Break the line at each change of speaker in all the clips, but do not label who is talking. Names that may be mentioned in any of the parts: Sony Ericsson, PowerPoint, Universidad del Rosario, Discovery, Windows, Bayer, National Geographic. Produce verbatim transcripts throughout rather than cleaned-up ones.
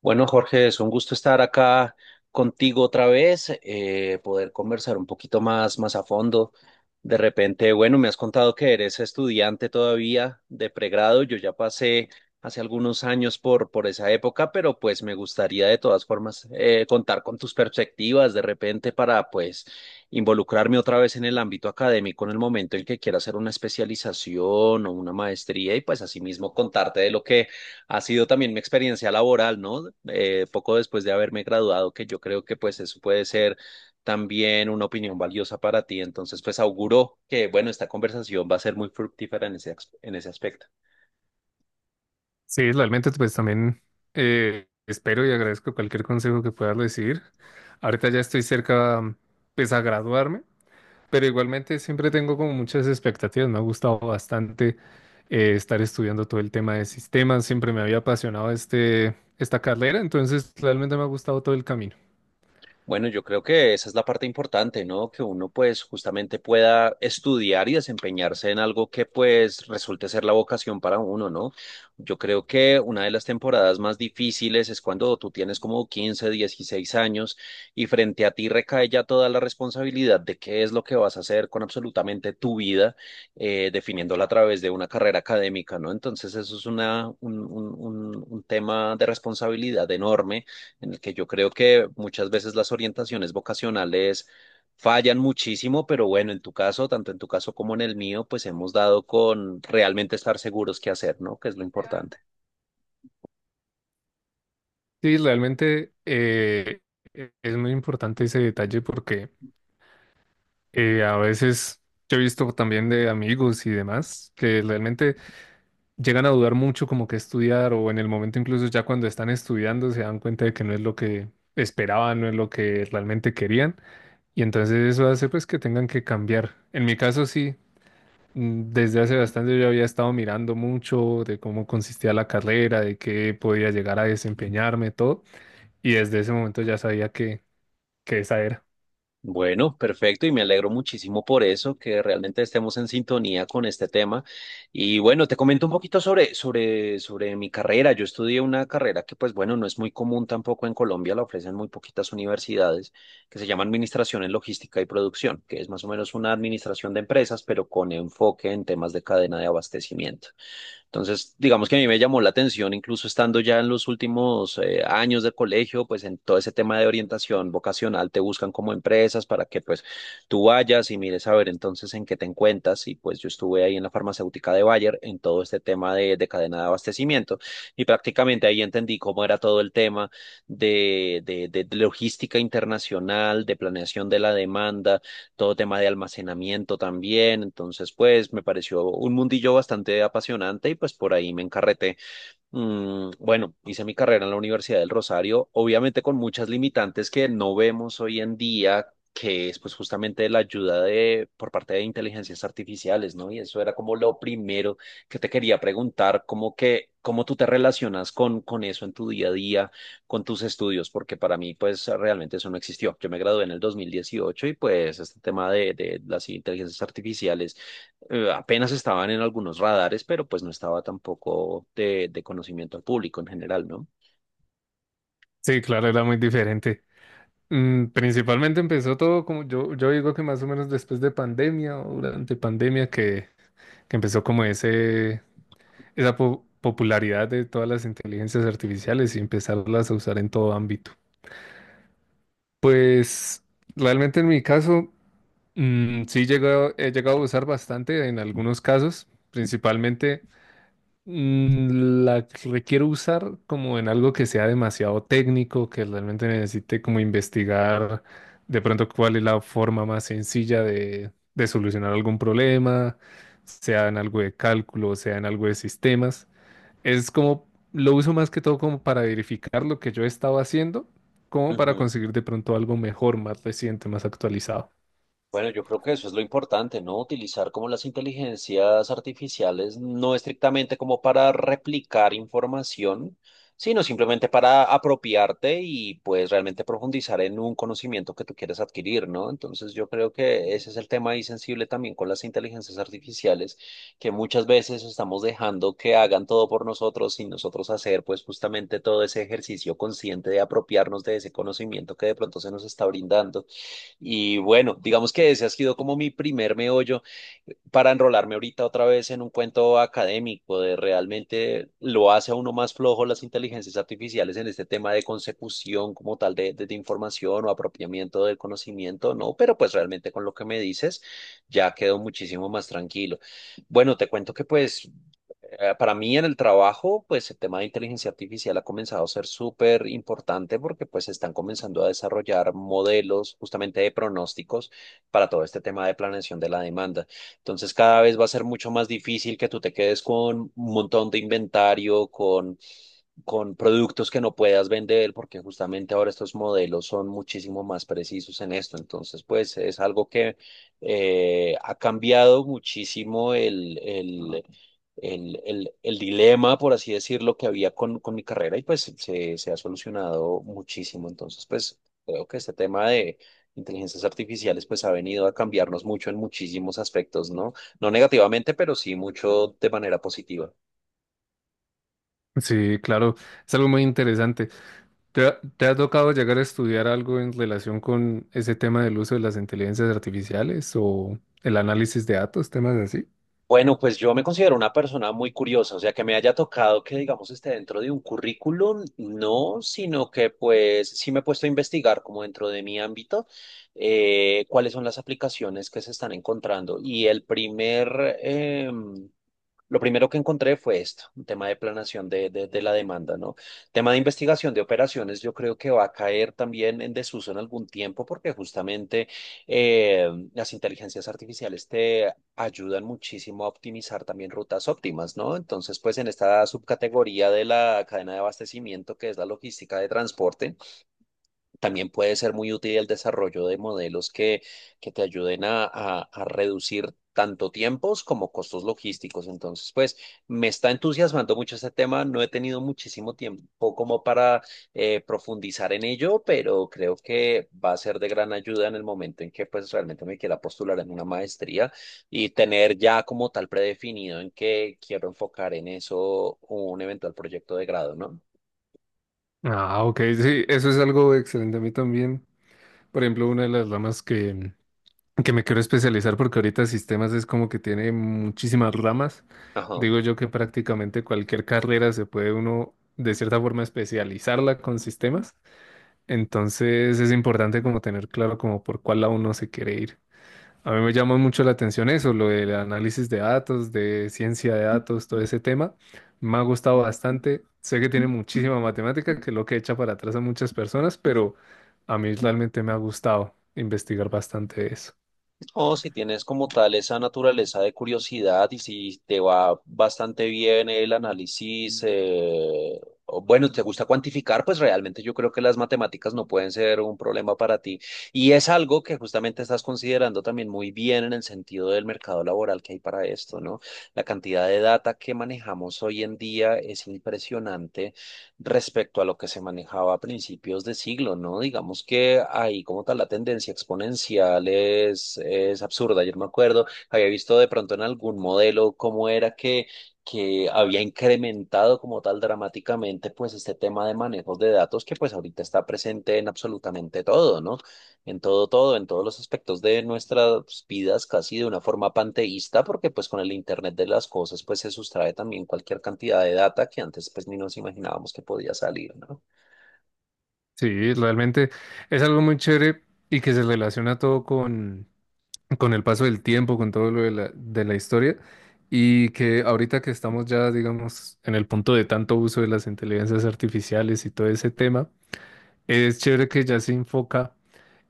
Bueno, Jorge, es un gusto estar acá contigo otra vez, eh, poder conversar un poquito más, más a fondo. De repente, bueno, me has contado que eres estudiante todavía de pregrado. Yo ya pasé hace algunos años por, por esa época, pero pues me gustaría de todas formas eh, contar con tus perspectivas de repente para pues involucrarme otra vez en el ámbito académico en el momento en que quiera hacer una especialización o una maestría y pues asimismo contarte de lo que ha sido también mi experiencia laboral, ¿no? Eh, poco después de haberme graduado, que yo creo que pues eso puede ser también una opinión valiosa para ti. Entonces, pues auguro que, bueno, esta conversación va a ser muy fructífera en ese, as- en ese aspecto.
Sí, realmente pues también eh, espero y agradezco cualquier consejo que puedas decir. Ahorita ya estoy cerca mm, pues a graduarme, pero igualmente siempre tengo como muchas expectativas. Me ha gustado bastante eh, estar estudiando todo el tema de sistemas. Siempre me había apasionado este, esta carrera, entonces realmente me ha gustado todo el camino.
Bueno, yo creo que esa es la parte importante, ¿no? Que uno pues justamente pueda estudiar y desempeñarse en algo que pues resulte ser la vocación para uno, ¿no? Yo creo que una de las temporadas más difíciles es cuando tú tienes como quince, dieciséis años y frente a ti recae ya toda la responsabilidad de qué es lo que vas a hacer con absolutamente tu vida, eh, definiéndola a través de una carrera académica, ¿no? Entonces eso es una, un, un un- un tema de responsabilidad enorme en el que yo creo que muchas veces las orientaciones vocacionales fallan muchísimo, pero bueno, en tu caso, tanto en tu caso como en el mío, pues hemos dado con realmente estar seguros qué hacer, ¿no? Que es lo importante.
Sí, realmente eh, e- es muy importante ese detalle porque eh, a veces yo he visto también de amigos y demás que realmente llegan a dudar mucho como que estudiar o en el momento incluso ya cuando están estudiando se dan cuenta de que no es lo que esperaban, no es lo que realmente querían, y entonces eso hace pues que tengan que cambiar. En mi caso sí, mm, desde hace bastante yo había estado mirando mucho de cómo consistía la carrera, de qué podía llegar a desempeñarme, todo, y desde ese momento ya sabía que, que esa era.
Bueno, perfecto y me alegro muchísimo por eso, que realmente estemos en sintonía con este tema. Y bueno, te comento un poquito sobre, sobre, sobre mi carrera. Yo estudié una carrera que, pues bueno, no es muy común tampoco en Colombia, la ofrecen muy poquitas universidades, que se llama Administración en Logística y Producción, que es más o menos una administración de empresas, pero con enfoque en temas de cadena de abastecimiento. Entonces, digamos que a mí me llamó la atención, incluso estando ya en los últimos eh, años del colegio, pues en todo ese tema de orientación vocacional te buscan como empresas para que pues tú vayas y mires a ver entonces en qué te encuentras. Y pues yo estuve ahí en la farmacéutica de Bayer en todo este tema de, de cadena de abastecimiento y prácticamente ahí entendí cómo era todo el tema de, de de- de logística internacional, de planeación de la demanda, todo tema de almacenamiento también. Entonces, pues me pareció un mundillo bastante apasionante y pues por ahí me encarreté. Mm, bueno, hice mi carrera en la Universidad del Rosario, obviamente con muchas limitantes que no vemos hoy en día, que es pues justamente la ayuda de por parte de inteligencias artificiales, ¿no? Y eso era como lo primero que te quería preguntar, como que cómo tú te relacionas con con eso en tu día a día, con tus estudios, porque para mí pues realmente eso no existió. Yo me gradué en el dos mil dieciocho y pues este tema de de las inteligencias artificiales eh, apenas estaban en algunos radares, pero pues no estaba tampoco de, de conocimiento al público en general, ¿no?
Sí, claro, era muy diferente. Mm, Principalmente empezó todo como yo, yo digo que más o menos después de pandemia o durante pandemia que que empezó como ese, esa po- popularidad de todas las inteligencias artificiales y empezarlas a usar en todo ámbito. Pues realmente en mi caso, mm, sí llegó- he llegado a usar bastante en algunos casos, principalmente mm, la que requiero usar como en algo que sea demasiado técnico, que realmente necesite como investigar de pronto cuál es la forma más sencilla de, de solucionar algún problema, sea en algo de cálculo, sea en algo de sistemas. Es como, lo uso más que todo como para verificar lo que yo estaba haciendo, como para
Ujú.
conseguir de pronto algo mejor, más reciente, más actualizado.
Bueno, yo creo que eso es lo importante, ¿no? Utilizar como las inteligencias artificiales no estrictamente como para replicar información, sino simplemente para apropiarte y pues realmente profundizar en un conocimiento que tú quieres adquirir, ¿no? Entonces yo creo que ese es el tema ahí sensible también con las inteligencias artificiales, que muchas veces estamos dejando que hagan todo por nosotros sin nosotros hacer pues justamente todo ese ejercicio consciente de apropiarnos de ese conocimiento que de pronto se nos está brindando. Y bueno, digamos que ese ha sido como mi primer meollo para enrolarme ahorita otra vez en un cuento académico de realmente lo hace a uno más flojo las inteligencias artificiales en este tema de consecución como tal de, de, de información o apropiamiento del conocimiento, ¿no? Pero pues realmente con lo que me dices ya quedo muchísimo más tranquilo. Bueno, te cuento que pues eh, para mí en el trabajo, pues el tema de inteligencia artificial ha comenzado a ser súper importante porque pues se están comenzando a desarrollar modelos justamente de pronósticos para todo este tema de planeación de la demanda. Entonces cada vez va a ser mucho más difícil que tú te quedes con un montón de inventario, con, con productos que no puedas vender porque justamente ahora estos modelos son muchísimo más precisos en esto. Entonces pues es algo que eh, ha cambiado muchísimo el el el, el- el dilema, por así decirlo, que había con, con mi carrera y pues se, se ha solucionado muchísimo. Entonces, pues creo que este tema de inteligencias artificiales pues ha venido a cambiarnos mucho en muchísimos aspectos, ¿no? No negativamente, pero sí mucho de manera positiva.
Sí, claro, es algo muy interesante. ¿Te ha, te ha tocado llegar a estudiar algo en relación con ese tema del uso de las inteligencias artificiales o el análisis de datos, temas así?
Bueno, pues yo me considero una persona muy curiosa, o sea, que me haya tocado que, digamos, esté dentro de un currículum, no, sino que pues sí me he puesto a investigar como dentro de mi ámbito eh, cuáles son las aplicaciones que se están encontrando. Y el primer, em, lo primero que encontré fue esto, un tema de planación de, de, de la demanda, ¿no? Tema de investigación de operaciones, yo creo que va a caer también en desuso en algún tiempo porque justamente eh, las inteligencias artificiales te ayudan muchísimo a optimizar también rutas óptimas, ¿no? Entonces, pues en esta subcategoría de la cadena de abastecimiento, que es la logística de transporte, también puede ser muy útil el desarrollo de modelos que, que te ayuden a, a- a reducir tanto tiempos como costos logísticos. Entonces, pues me está entusiasmando mucho este tema. No he tenido muchísimo tiempo como para eh, profundizar en ello, pero creo que va a ser de gran ayuda en el momento en que pues realmente me quiera postular en una maestría y tener ya como tal predefinido en que quiero enfocar en eso un eventual proyecto de grado, ¿no?
Ah, ok, sí, eso es algo excelente a mí también. Por ejemplo, una de las ramas que, que me quiero especializar, porque ahorita sistemas es como que tiene muchísimas ramas.
Ajá.
Digo yo que prácticamente cualquier carrera se puede uno de cierta forma especializarla con sistemas. Entonces es importante como tener claro como por cuál lado uno se quiere ir. A mí me llama mucho la atención eso, lo del análisis de datos, de ciencia de datos, todo ese tema. Me ha gustado bastante. Sé que tiene muchísima matemática, que es lo que echa para atrás a muchas personas, pero a mí realmente me ha gustado investigar bastante eso.
O si tienes como tal esa naturaleza de curiosidad y si te va bastante bien el análisis, eh, o bueno, te gusta cuantificar, pues realmente yo creo que las matemáticas no pueden ser un problema para ti. Y es algo que justamente estás considerando también muy bien en el sentido del mercado laboral que hay para esto, ¿no? La cantidad de data que manejamos hoy en día es impresionante respecto a lo que se manejaba a principios de siglo, ¿no? Digamos que ahí como tal la tendencia exponencial es, es absurda. Yo me acuerdo, había visto de pronto en algún modelo cómo era que, que había incrementado como tal dramáticamente pues este tema de manejos de datos que pues ahorita está presente en absolutamente todo, ¿no? En todo, todo, en todos los aspectos de nuestras vidas, casi de una forma panteísta, porque pues con el Internet de las cosas, pues se sustrae también cualquier cantidad de data que antes pues ni nos imaginábamos que podía salir, ¿no?
Sí, realmente es algo muy chévere y que se relaciona todo con, con el paso del tiempo, con todo lo de la, de la historia, y que ahorita que estamos ya, digamos, en el punto de tanto uso de las inteligencias artificiales y todo ese tema. Es chévere que ya se enfoca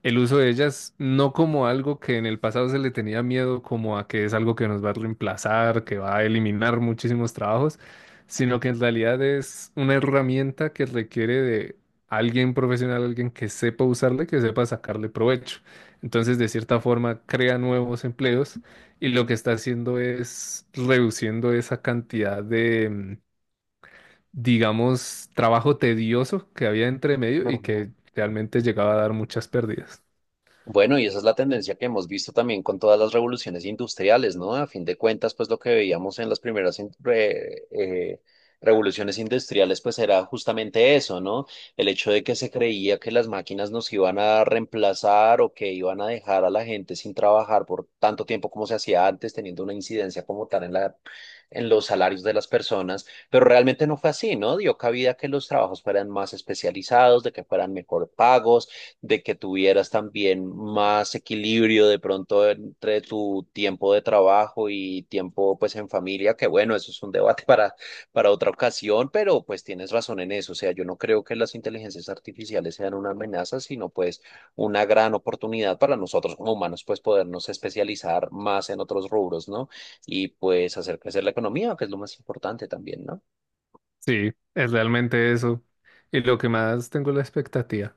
el uso de ellas no como algo que en el pasado se le tenía miedo, como a que es algo que nos va a reemplazar, que va a eliminar muchísimos trabajos, sino que en realidad es una herramienta que requiere de alguien profesional, alguien que sepa usarla y que sepa sacarle provecho. Entonces, de cierta forma, crea nuevos empleos y lo que está haciendo es reduciendo esa cantidad de mm, digamos, trabajo tedioso que había entre medio y
Ujú.
que realmente llegaba a dar muchas pérdidas.
Bueno, y esa es la tendencia que hemos visto también con todas las revoluciones industriales, ¿no? A fin de cuentas, pues lo que veíamos en las primeras in- re- eh, revoluciones industriales, pues era justamente eso, ¿no? El hecho de que se creía que las máquinas nos iban a reemplazar o que iban a dejar a la gente sin trabajar por tanto tiempo como se hacía antes, teniendo una incidencia como tal en la, en los salarios de las personas, pero realmente no fue así, ¿no? Dio cabida a que los trabajos fueran más especializados, de que fueran mejor pagos, de que tuvieras también más equilibrio de pronto entre tu tiempo de trabajo y tiempo pues en familia, que bueno, eso es un debate para, para otra ocasión, pero pues tienes razón en eso. O sea, yo no creo que las inteligencias artificiales sean una amenaza, sino pues una gran oportunidad para nosotros como humanos, pues podernos especializar más en otros rubros, ¿no? Y pues hacer crecer la economía, que es lo más importante también, ¿no?
Sí, es realmente eso. Y lo que más tengo es la expectativa.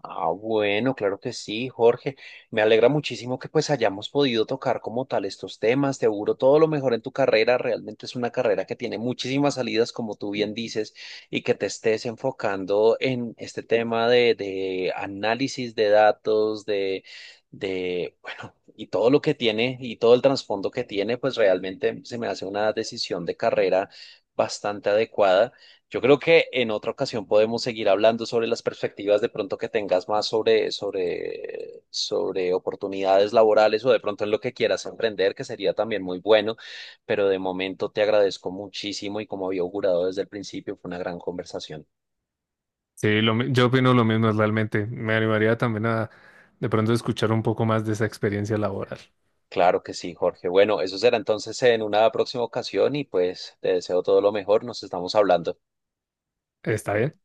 Ah, bueno, claro que sí, Jorge. Me alegra muchísimo que pues hayamos podido tocar como tal estos temas. Te auguro todo lo mejor en tu carrera. Realmente es una carrera que tiene muchísimas salidas, como tú bien dices, y que te estés enfocando en este tema de, de análisis de datos, de, de, bueno, y todo lo que tiene y todo el trasfondo que tiene, pues realmente se me hace una decisión de carrera bastante adecuada. Yo creo que en otra ocasión podemos seguir hablando sobre las perspectivas de pronto que tengas más sobre, sobre, sobre oportunidades laborales o de pronto en lo que quieras emprender, que sería también muy bueno, pero de momento te agradezco muchísimo y como había augurado desde el principio, fue una gran conversación.
Sí, lo mi- yo opino lo mismo, realmente. Me animaría también a de pronto escuchar un poco más de esa experiencia laboral.
Claro que sí, Jorge. Bueno, eso será entonces en una próxima ocasión y pues te deseo todo lo mejor, nos estamos hablando.
¿Está bien?